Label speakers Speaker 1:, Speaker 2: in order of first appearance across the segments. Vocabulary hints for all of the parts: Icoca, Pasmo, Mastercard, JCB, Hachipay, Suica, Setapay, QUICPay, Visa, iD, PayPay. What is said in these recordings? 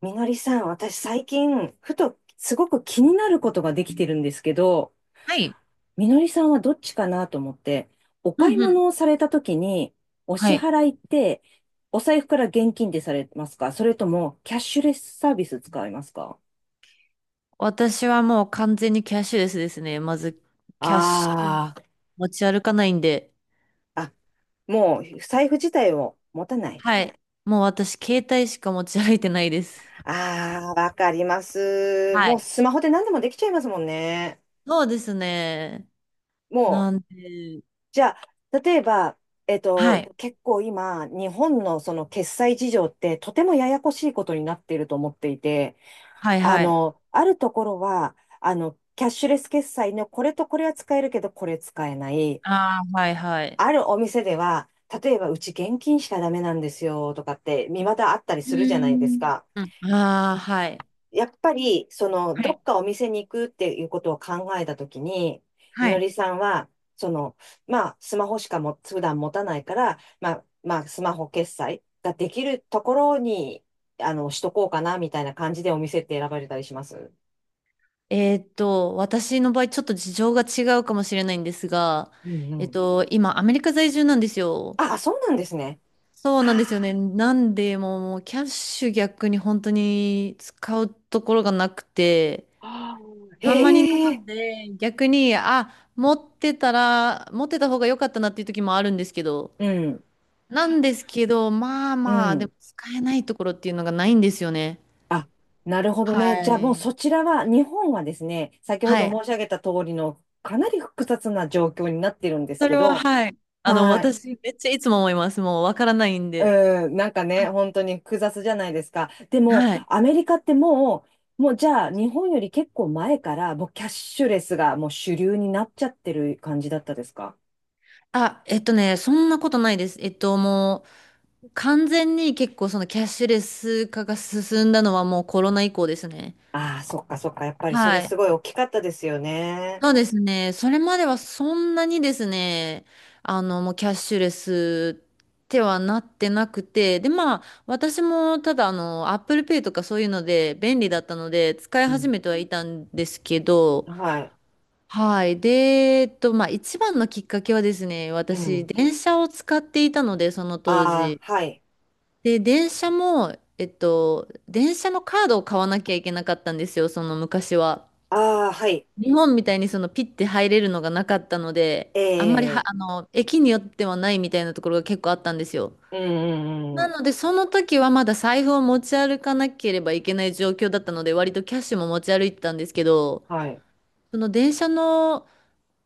Speaker 1: みのりさん、私最近、ふとすごく気になることができてるんですけど、
Speaker 2: はい。
Speaker 1: みのりさんはどっちかなと思って、お
Speaker 2: う
Speaker 1: 買い
Speaker 2: んうん。
Speaker 1: 物をされた時に、お
Speaker 2: は
Speaker 1: 支
Speaker 2: い。
Speaker 1: 払いって、お財布から現金でされますか？それとも、キャッシュレスサービス使いますか？
Speaker 2: 私はもう完全にキャッシュレスですね。まず、キャッシュ
Speaker 1: ああー、
Speaker 2: 持ち歩かないんで。
Speaker 1: あ、もう、財布自体を持たない。
Speaker 2: はい。もう私、携帯しか持ち歩いてないです。
Speaker 1: ああ、わかります。
Speaker 2: は
Speaker 1: もう
Speaker 2: い。
Speaker 1: スマホで何でもできちゃいますもんね。
Speaker 2: そうですね。
Speaker 1: もう、
Speaker 2: なんで、
Speaker 1: じゃあ、例えば、
Speaker 2: はい。
Speaker 1: 結構今、日本のその決済事情ってとてもややこしいことになっていると思っていて、
Speaker 2: はいはい。
Speaker 1: あるところは、キャッシュレス決済のこれとこれは使えるけど、これ使えない。
Speaker 2: ああ、はいはい。
Speaker 1: あるお店では、例えばうち現金しかダメなんですよとかって、未だあったり
Speaker 2: う
Speaker 1: するじ
Speaker 2: ー
Speaker 1: ゃないです
Speaker 2: ん。
Speaker 1: か。
Speaker 2: うん。ああ、はい。
Speaker 1: やっぱり、
Speaker 2: は
Speaker 1: ど
Speaker 2: い。
Speaker 1: っかお店に行くっていうことを考えたときに、み
Speaker 2: は
Speaker 1: の
Speaker 2: い。
Speaker 1: りさんは、その、まあ、スマホしかも、普段持たないから、まあ、まあ、スマホ決済ができるところに、しとこうかな、みたいな感じでお店って選ばれたりします？
Speaker 2: 私の場合、ちょっと事情が違うかもしれないんですが、
Speaker 1: うんうん。
Speaker 2: 今、アメリカ在住なんですよ。
Speaker 1: ああ、そうなんですね。
Speaker 2: そうなんですよね。なんで、もうキャッシュ逆に本当に使うところがなくて、
Speaker 1: ああ、あ、
Speaker 2: あんまりな
Speaker 1: へえ、
Speaker 2: ので、逆に、あ、持ってた方が良かったなっていう時もあるんですけど、
Speaker 1: うん、
Speaker 2: なんですけど、まあ
Speaker 1: う
Speaker 2: まあ、で
Speaker 1: ん。
Speaker 2: も使えないところっていうのがないんですよね。
Speaker 1: あ、なるほどね。じゃ
Speaker 2: は
Speaker 1: あもう
Speaker 2: い。
Speaker 1: そちらは、日本はですね、先ほ
Speaker 2: は
Speaker 1: ど
Speaker 2: い。
Speaker 1: 申し上げた通りのかなり複雑な状況になってるんです
Speaker 2: そ
Speaker 1: け
Speaker 2: れは、
Speaker 1: ど、
Speaker 2: はい。
Speaker 1: はい。
Speaker 2: 私、めっちゃいつも思います。もう、わからないんで。
Speaker 1: うん、なんかね、
Speaker 2: は
Speaker 1: 本当に複雑じゃないですか。で
Speaker 2: い。
Speaker 1: も、
Speaker 2: はい。
Speaker 1: アメリカってもうじゃあ日本より結構前から、もうキャッシュレスがもう主流になっちゃってる感じだったですか？
Speaker 2: あ、そんなことないです。もう、完全に結構そのキャッシュレス化が進んだのはもうコロナ以降ですね。
Speaker 1: ああー、そっかそっか。やっぱりそれ
Speaker 2: は
Speaker 1: す
Speaker 2: い。
Speaker 1: ごい大きかったですよね。
Speaker 2: そうですね。それまではそんなにですね、もうキャッシュレスってはなってなくて、で、まあ、私もただApple Pay とかそういうので便利だったので、使い
Speaker 1: う
Speaker 2: 始
Speaker 1: ん。
Speaker 2: めてはいたんですけど、
Speaker 1: はい。
Speaker 2: はい。で、まあ、一番のきっかけはですね、
Speaker 1: う
Speaker 2: 私、
Speaker 1: ん。
Speaker 2: 電車を使っていたので、その当
Speaker 1: ああ、
Speaker 2: 時。
Speaker 1: はい。
Speaker 2: で、電車も、電車のカードを買わなきゃいけなかったんですよ、その昔は。
Speaker 1: ああ、はい。
Speaker 2: 日本みたいにそのピッて入れるのがなかったので、あんまりは、
Speaker 1: ええ、
Speaker 2: 駅によってはないみたいなところが結構あったんですよ。
Speaker 1: うん
Speaker 2: な
Speaker 1: う
Speaker 2: の
Speaker 1: ん、
Speaker 2: で、その時はまだ財布を持ち歩かなければいけない状況だったので、割とキャッシュも持ち歩いてたんですけど、
Speaker 1: はい。
Speaker 2: その電車の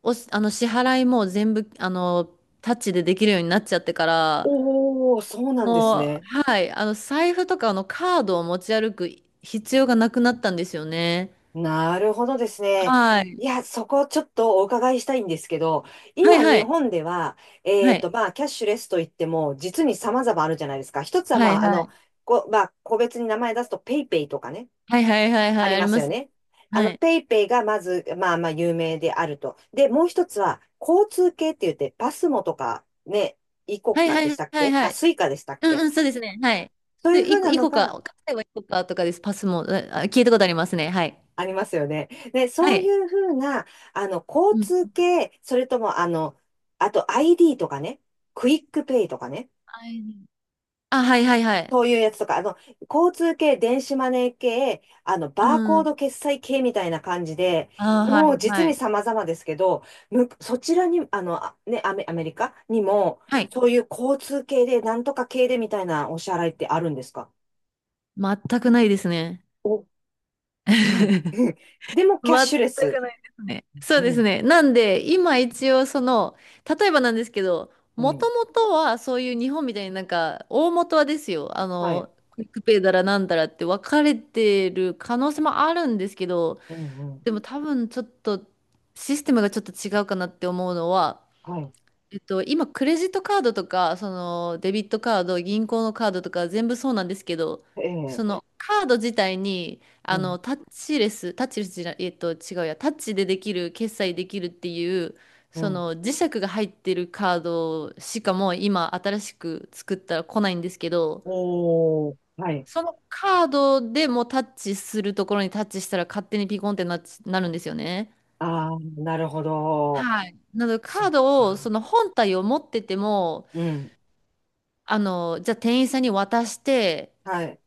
Speaker 2: お、あの支払いも全部、タッチでできるようになっちゃってから、
Speaker 1: おー、そうなんです
Speaker 2: もう、
Speaker 1: ね。
Speaker 2: はい、財布とかのカードを持ち歩く必要がなくなったんですよね。
Speaker 1: なるほどですね。
Speaker 2: はい。
Speaker 1: いや、そこちょっとお伺いしたいんですけど、
Speaker 2: はい
Speaker 1: 今
Speaker 2: は
Speaker 1: 日
Speaker 2: い。
Speaker 1: 本では、
Speaker 2: はい。
Speaker 1: まあ、キャッシュレスといっても、実に様々あるじゃないですか。一つは、
Speaker 2: は
Speaker 1: ま
Speaker 2: い
Speaker 1: あ、
Speaker 2: はい。
Speaker 1: まあ、個別に名前出すと、ペイペイとかね、
Speaker 2: はいはいはい
Speaker 1: あ
Speaker 2: はい。
Speaker 1: り
Speaker 2: あり
Speaker 1: ます
Speaker 2: ま
Speaker 1: よ
Speaker 2: す。
Speaker 1: ね。
Speaker 2: はい。
Speaker 1: ペイペイがまず、まあまあ、有名であると。で、もう一つは、交通系って言って、パスモとか、ね、イコ
Speaker 2: はい
Speaker 1: カ
Speaker 2: はい
Speaker 1: でしたっ
Speaker 2: はい
Speaker 1: け？
Speaker 2: は
Speaker 1: あ、
Speaker 2: い。
Speaker 1: スイカでしたっ
Speaker 2: うんう
Speaker 1: け？
Speaker 2: ん、そうですね。はい。
Speaker 1: そういうふ
Speaker 2: で、
Speaker 1: うな
Speaker 2: い
Speaker 1: の
Speaker 2: こか、
Speaker 1: が、
Speaker 2: 買えばいこかとかです。パスも、あ聞いたことありますね。はい。
Speaker 1: ありますよね。ね、
Speaker 2: は
Speaker 1: そうい
Speaker 2: い。
Speaker 1: うふうな、交
Speaker 2: うん。
Speaker 1: 通系、それとも、あと ID とかね、クイックペイとかね、
Speaker 2: はいあ、はいはいはい。
Speaker 1: そういうやつとか、交通系、電子マネー系、
Speaker 2: う
Speaker 1: バーコー
Speaker 2: ん。
Speaker 1: ド決済系みたいな感じで、
Speaker 2: あ、はい
Speaker 1: もう実
Speaker 2: は
Speaker 1: に
Speaker 2: い。
Speaker 1: 様々ですけど、む、そちらに、アメリカにも、
Speaker 2: はい。
Speaker 1: そういう交通系で、なんとか系でみたいなお支払いってあるんですか？
Speaker 2: 全くないですね。
Speaker 1: お、ない。
Speaker 2: 全く
Speaker 1: でも、キャッ
Speaker 2: ない
Speaker 1: シ
Speaker 2: で
Speaker 1: ュレス。
Speaker 2: すね。そう
Speaker 1: う
Speaker 2: です
Speaker 1: ん、
Speaker 2: ね。なんで、今一応その、例えばなんですけど、
Speaker 1: う
Speaker 2: も
Speaker 1: ん、
Speaker 2: ともとはそういう日本みたいになんか、大元はですよ、
Speaker 1: はい。
Speaker 2: クイックペイだらなんだらって分かれてる可能性もあるんですけど、
Speaker 1: うん、うん。
Speaker 2: でも多分ちょっとシステムがちょっと違うかなって思うのは、
Speaker 1: はい、
Speaker 2: 今、クレジットカードとか、その、デビットカード、銀行のカードとか、全部そうなんですけど、
Speaker 1: え
Speaker 2: そ
Speaker 1: え、
Speaker 2: の、カード自体に、
Speaker 1: うん、
Speaker 2: タッチレス、タッチレスじゃない、違うや、タッチでできる、決済できるっていう、
Speaker 1: う
Speaker 2: そ
Speaker 1: ん。
Speaker 2: の、磁石が入ってるカードしかもう今、新しく作ったら来ないんですけど、
Speaker 1: おお、はい。
Speaker 2: そのカードでもタッチするところにタッチしたら勝手にピコンってなっち、なるんですよね。
Speaker 1: ああ、なるほど。
Speaker 2: はい。なので
Speaker 1: そ
Speaker 2: カー
Speaker 1: う
Speaker 2: ドをそ
Speaker 1: か。
Speaker 2: の本体を持ってても
Speaker 1: うん。
Speaker 2: じゃあ店員さんに渡して
Speaker 1: はい。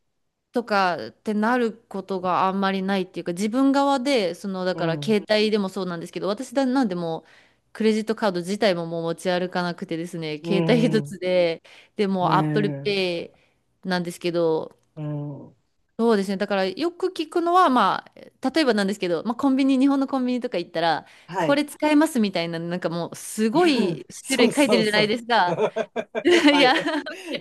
Speaker 2: とかってなることがあんまりないっていうか、自分側で、その、だ
Speaker 1: う
Speaker 2: から
Speaker 1: ん。
Speaker 2: 携帯でもそうなんですけど、なんでもうクレジットカード自体ももう持ち歩かなくてですね、
Speaker 1: う
Speaker 2: 携帯一
Speaker 1: ん。
Speaker 2: つで、でも
Speaker 1: う
Speaker 2: う Apple
Speaker 1: ん。
Speaker 2: Pay なんですけど、
Speaker 1: うん。
Speaker 2: そうですね。だからよく聞くのは、まあ、例えばなんですけど、まあ、コンビニ、日本のコンビニとか行ったら、
Speaker 1: は
Speaker 2: こ
Speaker 1: い。
Speaker 2: れ使えますみたいな、なんかもう、す ご
Speaker 1: う
Speaker 2: い
Speaker 1: ん、
Speaker 2: 種
Speaker 1: そ
Speaker 2: 類
Speaker 1: う
Speaker 2: 書いて
Speaker 1: そ
Speaker 2: る
Speaker 1: う
Speaker 2: じゃな
Speaker 1: そ
Speaker 2: い
Speaker 1: う。
Speaker 2: ですか。い
Speaker 1: は
Speaker 2: や、
Speaker 1: い。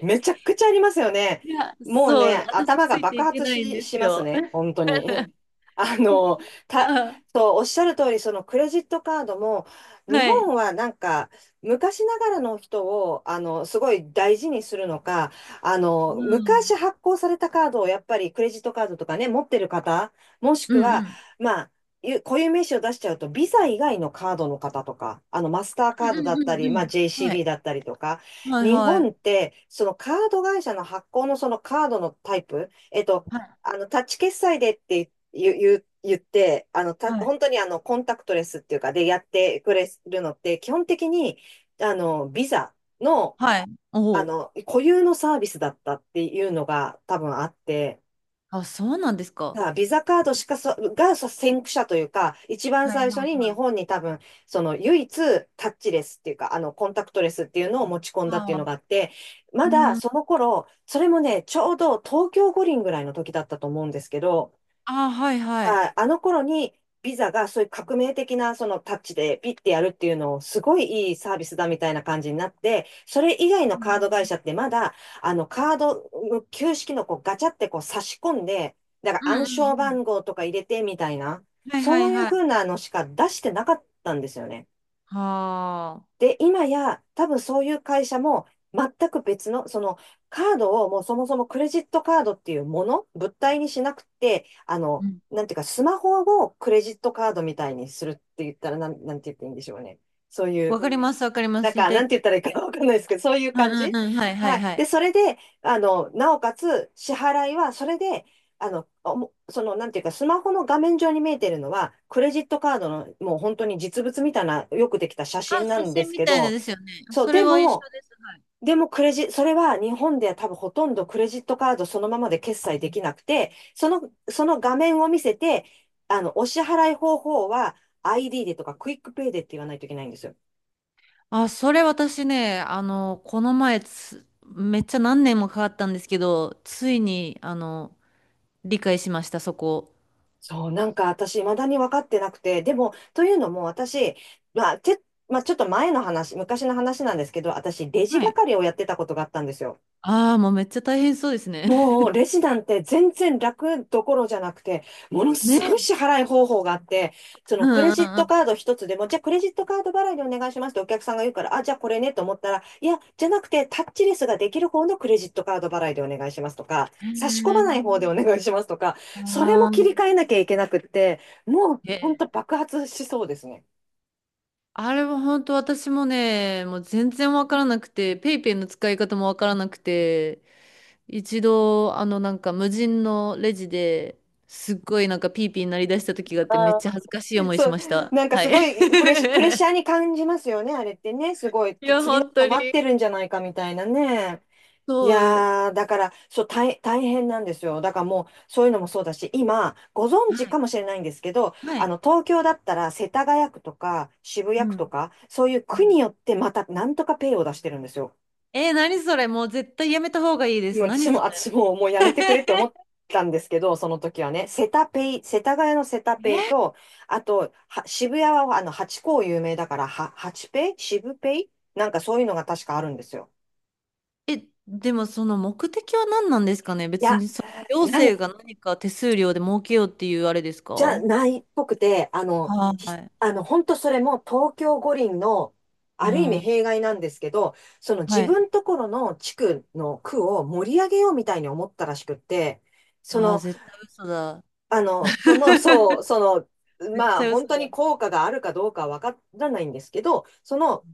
Speaker 1: めちゃくちゃありますよね。
Speaker 2: いや、
Speaker 1: もう
Speaker 2: そう、
Speaker 1: ね、
Speaker 2: 私
Speaker 1: 頭
Speaker 2: つ
Speaker 1: が
Speaker 2: いて
Speaker 1: 爆
Speaker 2: いけ
Speaker 1: 発
Speaker 2: ないん
Speaker 1: し、
Speaker 2: で
Speaker 1: し
Speaker 2: す
Speaker 1: ます
Speaker 2: よ。
Speaker 1: ね。本当に。あの、た、
Speaker 2: あ、
Speaker 1: おっしゃる通り、そのクレジットカードも、日
Speaker 2: は
Speaker 1: 本
Speaker 2: い。
Speaker 1: はなんか、昔ながらの人を、すごい大事にするのか、
Speaker 2: う
Speaker 1: 昔
Speaker 2: ん。
Speaker 1: 発行されたカードを、やっぱりクレジットカードとかね、持ってる方、もし
Speaker 2: う
Speaker 1: く
Speaker 2: んう
Speaker 1: は、
Speaker 2: ん。
Speaker 1: まゆ固有名詞を出しちゃうと、ビザ以外のカードの方とか、マスター
Speaker 2: う
Speaker 1: カ
Speaker 2: ん
Speaker 1: ード
Speaker 2: う
Speaker 1: だ
Speaker 2: ん
Speaker 1: っ
Speaker 2: う
Speaker 1: た
Speaker 2: ん
Speaker 1: り、
Speaker 2: う
Speaker 1: まあ、
Speaker 2: ん。はい。
Speaker 1: JCB だったりとか、
Speaker 2: はい
Speaker 1: 日
Speaker 2: は
Speaker 1: 本
Speaker 2: い。
Speaker 1: って、そのカード会社の発行のそのカードのタイプ、
Speaker 2: はい。
Speaker 1: タッチ決済でって言って、
Speaker 2: はい。
Speaker 1: 本当にコンタクトレスっていうか、でやってくれるのって、基本的に、ビザの、
Speaker 2: はい。おお。
Speaker 1: 固有のサービスだったっていうのが多分あって、
Speaker 2: あ、そうなんですか。
Speaker 1: さあ、ビザカードしかそ、がさ先駆者というか、一番
Speaker 2: はいは
Speaker 1: 最
Speaker 2: い
Speaker 1: 初に日
Speaker 2: はい。
Speaker 1: 本に多分、その唯一タッチレスっていうか、コンタクトレスっていうのを持ち込んだってい
Speaker 2: あ
Speaker 1: うのがあ
Speaker 2: あ、
Speaker 1: って、ま
Speaker 2: う
Speaker 1: だ
Speaker 2: ん。
Speaker 1: その頃、それもね、ちょうど東京五輪ぐらいの時だったと思うんですけど、
Speaker 2: ああ、はいはい。
Speaker 1: はい、あの頃にビザがそういう革命的なそのタッチでピッてやるっていうのをすごいいいサービスだみたいな感じになって、それ以外
Speaker 2: う
Speaker 1: のカード会
Speaker 2: ん
Speaker 1: 社ってまだあのカードの旧式のこうガチャってこう差し込んで、だか
Speaker 2: う
Speaker 1: ら
Speaker 2: ん
Speaker 1: 暗
Speaker 2: う
Speaker 1: 証
Speaker 2: んうん。
Speaker 1: 番号とか入れてみたいな、
Speaker 2: はいは
Speaker 1: そ
Speaker 2: い
Speaker 1: ういう
Speaker 2: はい。は
Speaker 1: 風なのしか出してなかったんですよね。
Speaker 2: あ。
Speaker 1: で、今や、多分そういう会社も、全く別の、その、カードをもうそもそもクレジットカードっていうもの、物体にしなくて、
Speaker 2: うん。
Speaker 1: なんていうか、スマホをクレジットカードみたいにするって言ったら、なんて言っていいんでしょうね。そうい
Speaker 2: わ
Speaker 1: う、
Speaker 2: かりますわかりま
Speaker 1: な
Speaker 2: す。
Speaker 1: ん
Speaker 2: 言い
Speaker 1: か、
Speaker 2: た
Speaker 1: な
Speaker 2: い
Speaker 1: ん
Speaker 2: こ
Speaker 1: て
Speaker 2: と。
Speaker 1: 言ったらいいか
Speaker 2: はい
Speaker 1: わかんないですけど、そういう
Speaker 2: う
Speaker 1: 感
Speaker 2: ん
Speaker 1: じ。
Speaker 2: うんうん。はいは
Speaker 1: は
Speaker 2: い
Speaker 1: い。
Speaker 2: は
Speaker 1: で、
Speaker 2: い。
Speaker 1: それで、なおかつ、支払いは、それで、おもその、なんていうか、スマホの画面上に見えてるのは、クレジットカードの、もう本当に実物みたいな、よくできた写
Speaker 2: あ、
Speaker 1: 真な
Speaker 2: 写
Speaker 1: んで
Speaker 2: 真
Speaker 1: す
Speaker 2: み
Speaker 1: け
Speaker 2: たいな
Speaker 1: ど、
Speaker 2: ですよね。
Speaker 1: そう、
Speaker 2: それ
Speaker 1: で
Speaker 2: は一緒
Speaker 1: も、
Speaker 2: です。
Speaker 1: でもクレジ、それは日本では多分ほとんどクレジットカードそのままで決済できなくて、その画面を見せて、お支払い方法は ID でとかクイックペイでって言わないといけないんですよ。
Speaker 2: あ、それ私ね、この前めっちゃ何年もかかったんですけど、ついに、理解しました、そこ。
Speaker 1: そう、なんか私、未だに分かってなくて、でも、というのも私、まあ、て、まあ、ちょっと前の話、昔の話なんですけど、私、レジ
Speaker 2: はい。
Speaker 1: 係をやってたことがあったんですよ。
Speaker 2: ああ、もうめっちゃ大変そうですね。
Speaker 1: も うレジなんて全然楽どころじゃなくて、ものすごい
Speaker 2: ね。
Speaker 1: 支払い方法があって、そ
Speaker 2: う
Speaker 1: のクレ
Speaker 2: ん
Speaker 1: ジッ
Speaker 2: う
Speaker 1: ト
Speaker 2: ん
Speaker 1: カード一つでも、じゃあクレジットカード払いでお願いしますってお客さんが言うから、あ、じゃあこれねと思ったら、いや、じゃなくてタッチレスができる方のクレジットカード払いでお願いしますとか、差し込
Speaker 2: う
Speaker 1: まない方でお
Speaker 2: ん。
Speaker 1: 願いしますとか、それ
Speaker 2: あ
Speaker 1: も
Speaker 2: あ
Speaker 1: 切
Speaker 2: ー
Speaker 1: り替えなきゃいけなくって、もう
Speaker 2: え、
Speaker 1: 本当爆発しそうですね。
Speaker 2: あれは本当私もね、もう全然わからなくて、ペイペイの使い方もわからなくて、一度、なんか無人のレジですっごいなんかピーピーになりだした時があってめっ
Speaker 1: あ
Speaker 2: ちゃ恥ずかしい
Speaker 1: ー、
Speaker 2: 思いし
Speaker 1: そう、
Speaker 2: ました。
Speaker 1: なんか
Speaker 2: は
Speaker 1: す
Speaker 2: い。
Speaker 1: ごいプレッシャー に感じますよね、あれってね。すごい、
Speaker 2: いや、
Speaker 1: 次の
Speaker 2: 本
Speaker 1: 人
Speaker 2: 当
Speaker 1: 待っ
Speaker 2: に。
Speaker 1: てるんじゃないかみたいなね。い
Speaker 2: そう。
Speaker 1: やー、だから、そう、大変なんですよ。だからもう、そういうのもそうだし、今、ご存知
Speaker 2: はい。
Speaker 1: かもしれないんですけど、
Speaker 2: はい。
Speaker 1: 東京だったら、世田谷区とか、渋谷
Speaker 2: う
Speaker 1: 区と
Speaker 2: ん。
Speaker 1: か、そういう
Speaker 2: う
Speaker 1: 区
Speaker 2: ん
Speaker 1: によって、また、なんとかペイを出してるんですよ。
Speaker 2: えー、何それもう絶対やめた方がいいで
Speaker 1: もう
Speaker 2: す。
Speaker 1: 私
Speaker 2: 何
Speaker 1: も、
Speaker 2: そ
Speaker 1: 私
Speaker 2: れ
Speaker 1: も、もうやめてくれって思ったんですけど、その時はね、セタペイ、世田谷のセタペイ と、あと、渋谷は、ハチ公有名だから、ハチペイ渋ペイなんかそういうのが確かあるんですよ。
Speaker 2: え、え、でもその目的は何なんですかね
Speaker 1: い
Speaker 2: 別
Speaker 1: や、
Speaker 2: に行
Speaker 1: なん
Speaker 2: 政が何か手数料で儲けようっていうあれですか
Speaker 1: じゃ
Speaker 2: は
Speaker 1: ないっぽくて、あの、ひ
Speaker 2: い。
Speaker 1: あの、本当それも東京五輪の、
Speaker 2: う
Speaker 1: ある意味
Speaker 2: ん。
Speaker 1: 弊害なんですけど、その自
Speaker 2: はい。
Speaker 1: 分ところの地区の区を盛り上げようみたいに思ったらしくって、そ
Speaker 2: ああ、
Speaker 1: の、
Speaker 2: 絶対嘘だ。
Speaker 1: そう、
Speaker 2: 絶
Speaker 1: まあ、
Speaker 2: 対嘘
Speaker 1: 本当
Speaker 2: だ。
Speaker 1: に効果があるかどうかはわからないんですけど、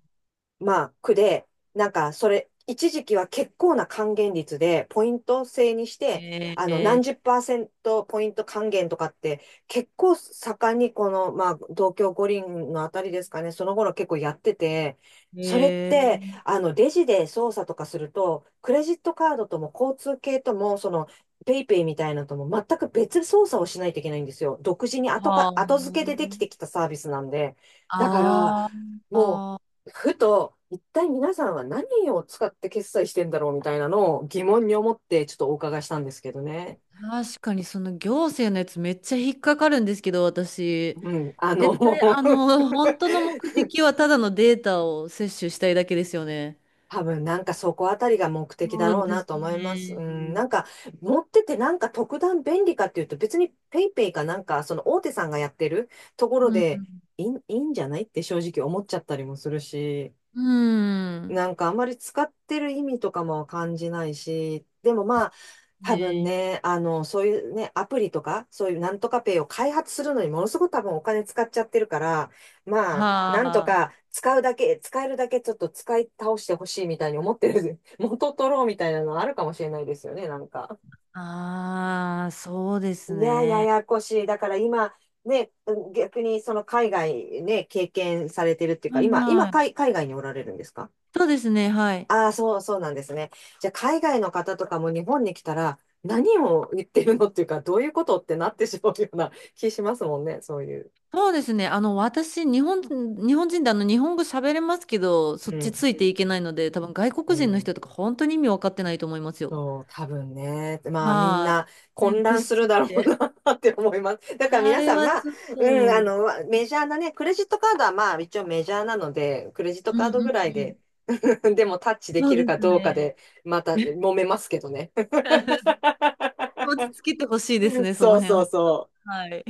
Speaker 1: まあ、区で、なんか、それ、一時期は結構な還元率で、ポイント制にして、
Speaker 2: へ
Speaker 1: 何
Speaker 2: え、
Speaker 1: 十パーセントポイント還元とかって、結構盛んに、まあ、東京五輪のあたりですかね、その頃結構やってて、それっ
Speaker 2: へえ、
Speaker 1: て、レジで操作とかすると、クレジットカードとも交通系とも、ペイペイみたいなのとも全く別操作をしないといけないんですよ。独自に後付けで
Speaker 2: は
Speaker 1: できてきたサービスなんで。だから、
Speaker 2: あ
Speaker 1: も
Speaker 2: あ、あ
Speaker 1: う、ふと、一体皆さんは何を使って決済してんだろうみたいなのを疑問に思ってちょっとお伺いしたんですけどね。
Speaker 2: 確かにその行政のやつめっちゃ引っかかるんですけど、私、
Speaker 1: うん、
Speaker 2: 絶対本当の目的はただのデータを摂取したいだけですよね。
Speaker 1: 多分なんかそこあたりが目的
Speaker 2: そ
Speaker 1: だろ
Speaker 2: う
Speaker 1: う
Speaker 2: で
Speaker 1: な
Speaker 2: す
Speaker 1: と思います。う
Speaker 2: ね。
Speaker 1: ん、なんか持っててなんか特段便利かっていうと別にペイペイかなんかその大手さんがやってるところ
Speaker 2: う
Speaker 1: で
Speaker 2: ん、
Speaker 1: いいんじゃないって正直思っちゃったりもするし。
Speaker 2: うん、
Speaker 1: なんかあんまり使ってる意味とかも感じないし、でもまあ、多分
Speaker 2: ね、
Speaker 1: ね、そういうね、アプリとか、そういうなんとかペイを開発するのにものすごく多分お金使っちゃってるから、まあ、
Speaker 2: は
Speaker 1: なんと
Speaker 2: あ、
Speaker 1: か使うだけ、使えるだけちょっと使い倒してほしいみたいに思ってる、元取ろうみたいなのあるかもしれないですよね、なんか。
Speaker 2: ああ、そうです
Speaker 1: いや、や
Speaker 2: ね。
Speaker 1: やこしい。だから今、ね、逆にその海外ね、経験されてるっていうか、
Speaker 2: はい
Speaker 1: 今、今
Speaker 2: はい。
Speaker 1: 海、海外におられるんですか？
Speaker 2: そうですね、はい。
Speaker 1: ああ、そう、そうなんですね。じゃあ、海外の方とかも日本に来たら、何を言ってるのっていうか、どういうことってなってしまうような気しますもんね、そういう。
Speaker 2: そうですね。私、日本人で日本語喋れますけど、そ
Speaker 1: う
Speaker 2: っちつ
Speaker 1: ん。
Speaker 2: いていけないので、多分外
Speaker 1: う
Speaker 2: 国人の
Speaker 1: ん。
Speaker 2: 人とか本当に意味分かってないと思いますよ。
Speaker 1: そう、多分ね。まあ、みん
Speaker 2: は
Speaker 1: な
Speaker 2: い。ね、
Speaker 1: 混乱
Speaker 2: 腰
Speaker 1: す
Speaker 2: す
Speaker 1: る
Speaker 2: ぎ
Speaker 1: だろう
Speaker 2: て。
Speaker 1: な って思います。だから
Speaker 2: あ
Speaker 1: 皆
Speaker 2: れ
Speaker 1: さん、
Speaker 2: は
Speaker 1: まあ、
Speaker 2: ちょっ
Speaker 1: うん、
Speaker 2: と、
Speaker 1: メジャーなね、クレジットカードはまあ、一応メジャーなので、クレジット
Speaker 2: うんう
Speaker 1: カー
Speaker 2: ん
Speaker 1: ド
Speaker 2: う
Speaker 1: ぐらい
Speaker 2: ん。
Speaker 1: で、でもタッチで
Speaker 2: そ
Speaker 1: き
Speaker 2: う
Speaker 1: る
Speaker 2: で
Speaker 1: か
Speaker 2: す
Speaker 1: どうか
Speaker 2: ね。
Speaker 1: で、また揉めますけどね。
Speaker 2: 落ち着けてほしいですね、その
Speaker 1: そう
Speaker 2: 辺
Speaker 1: そう
Speaker 2: は。
Speaker 1: そう。
Speaker 2: はい。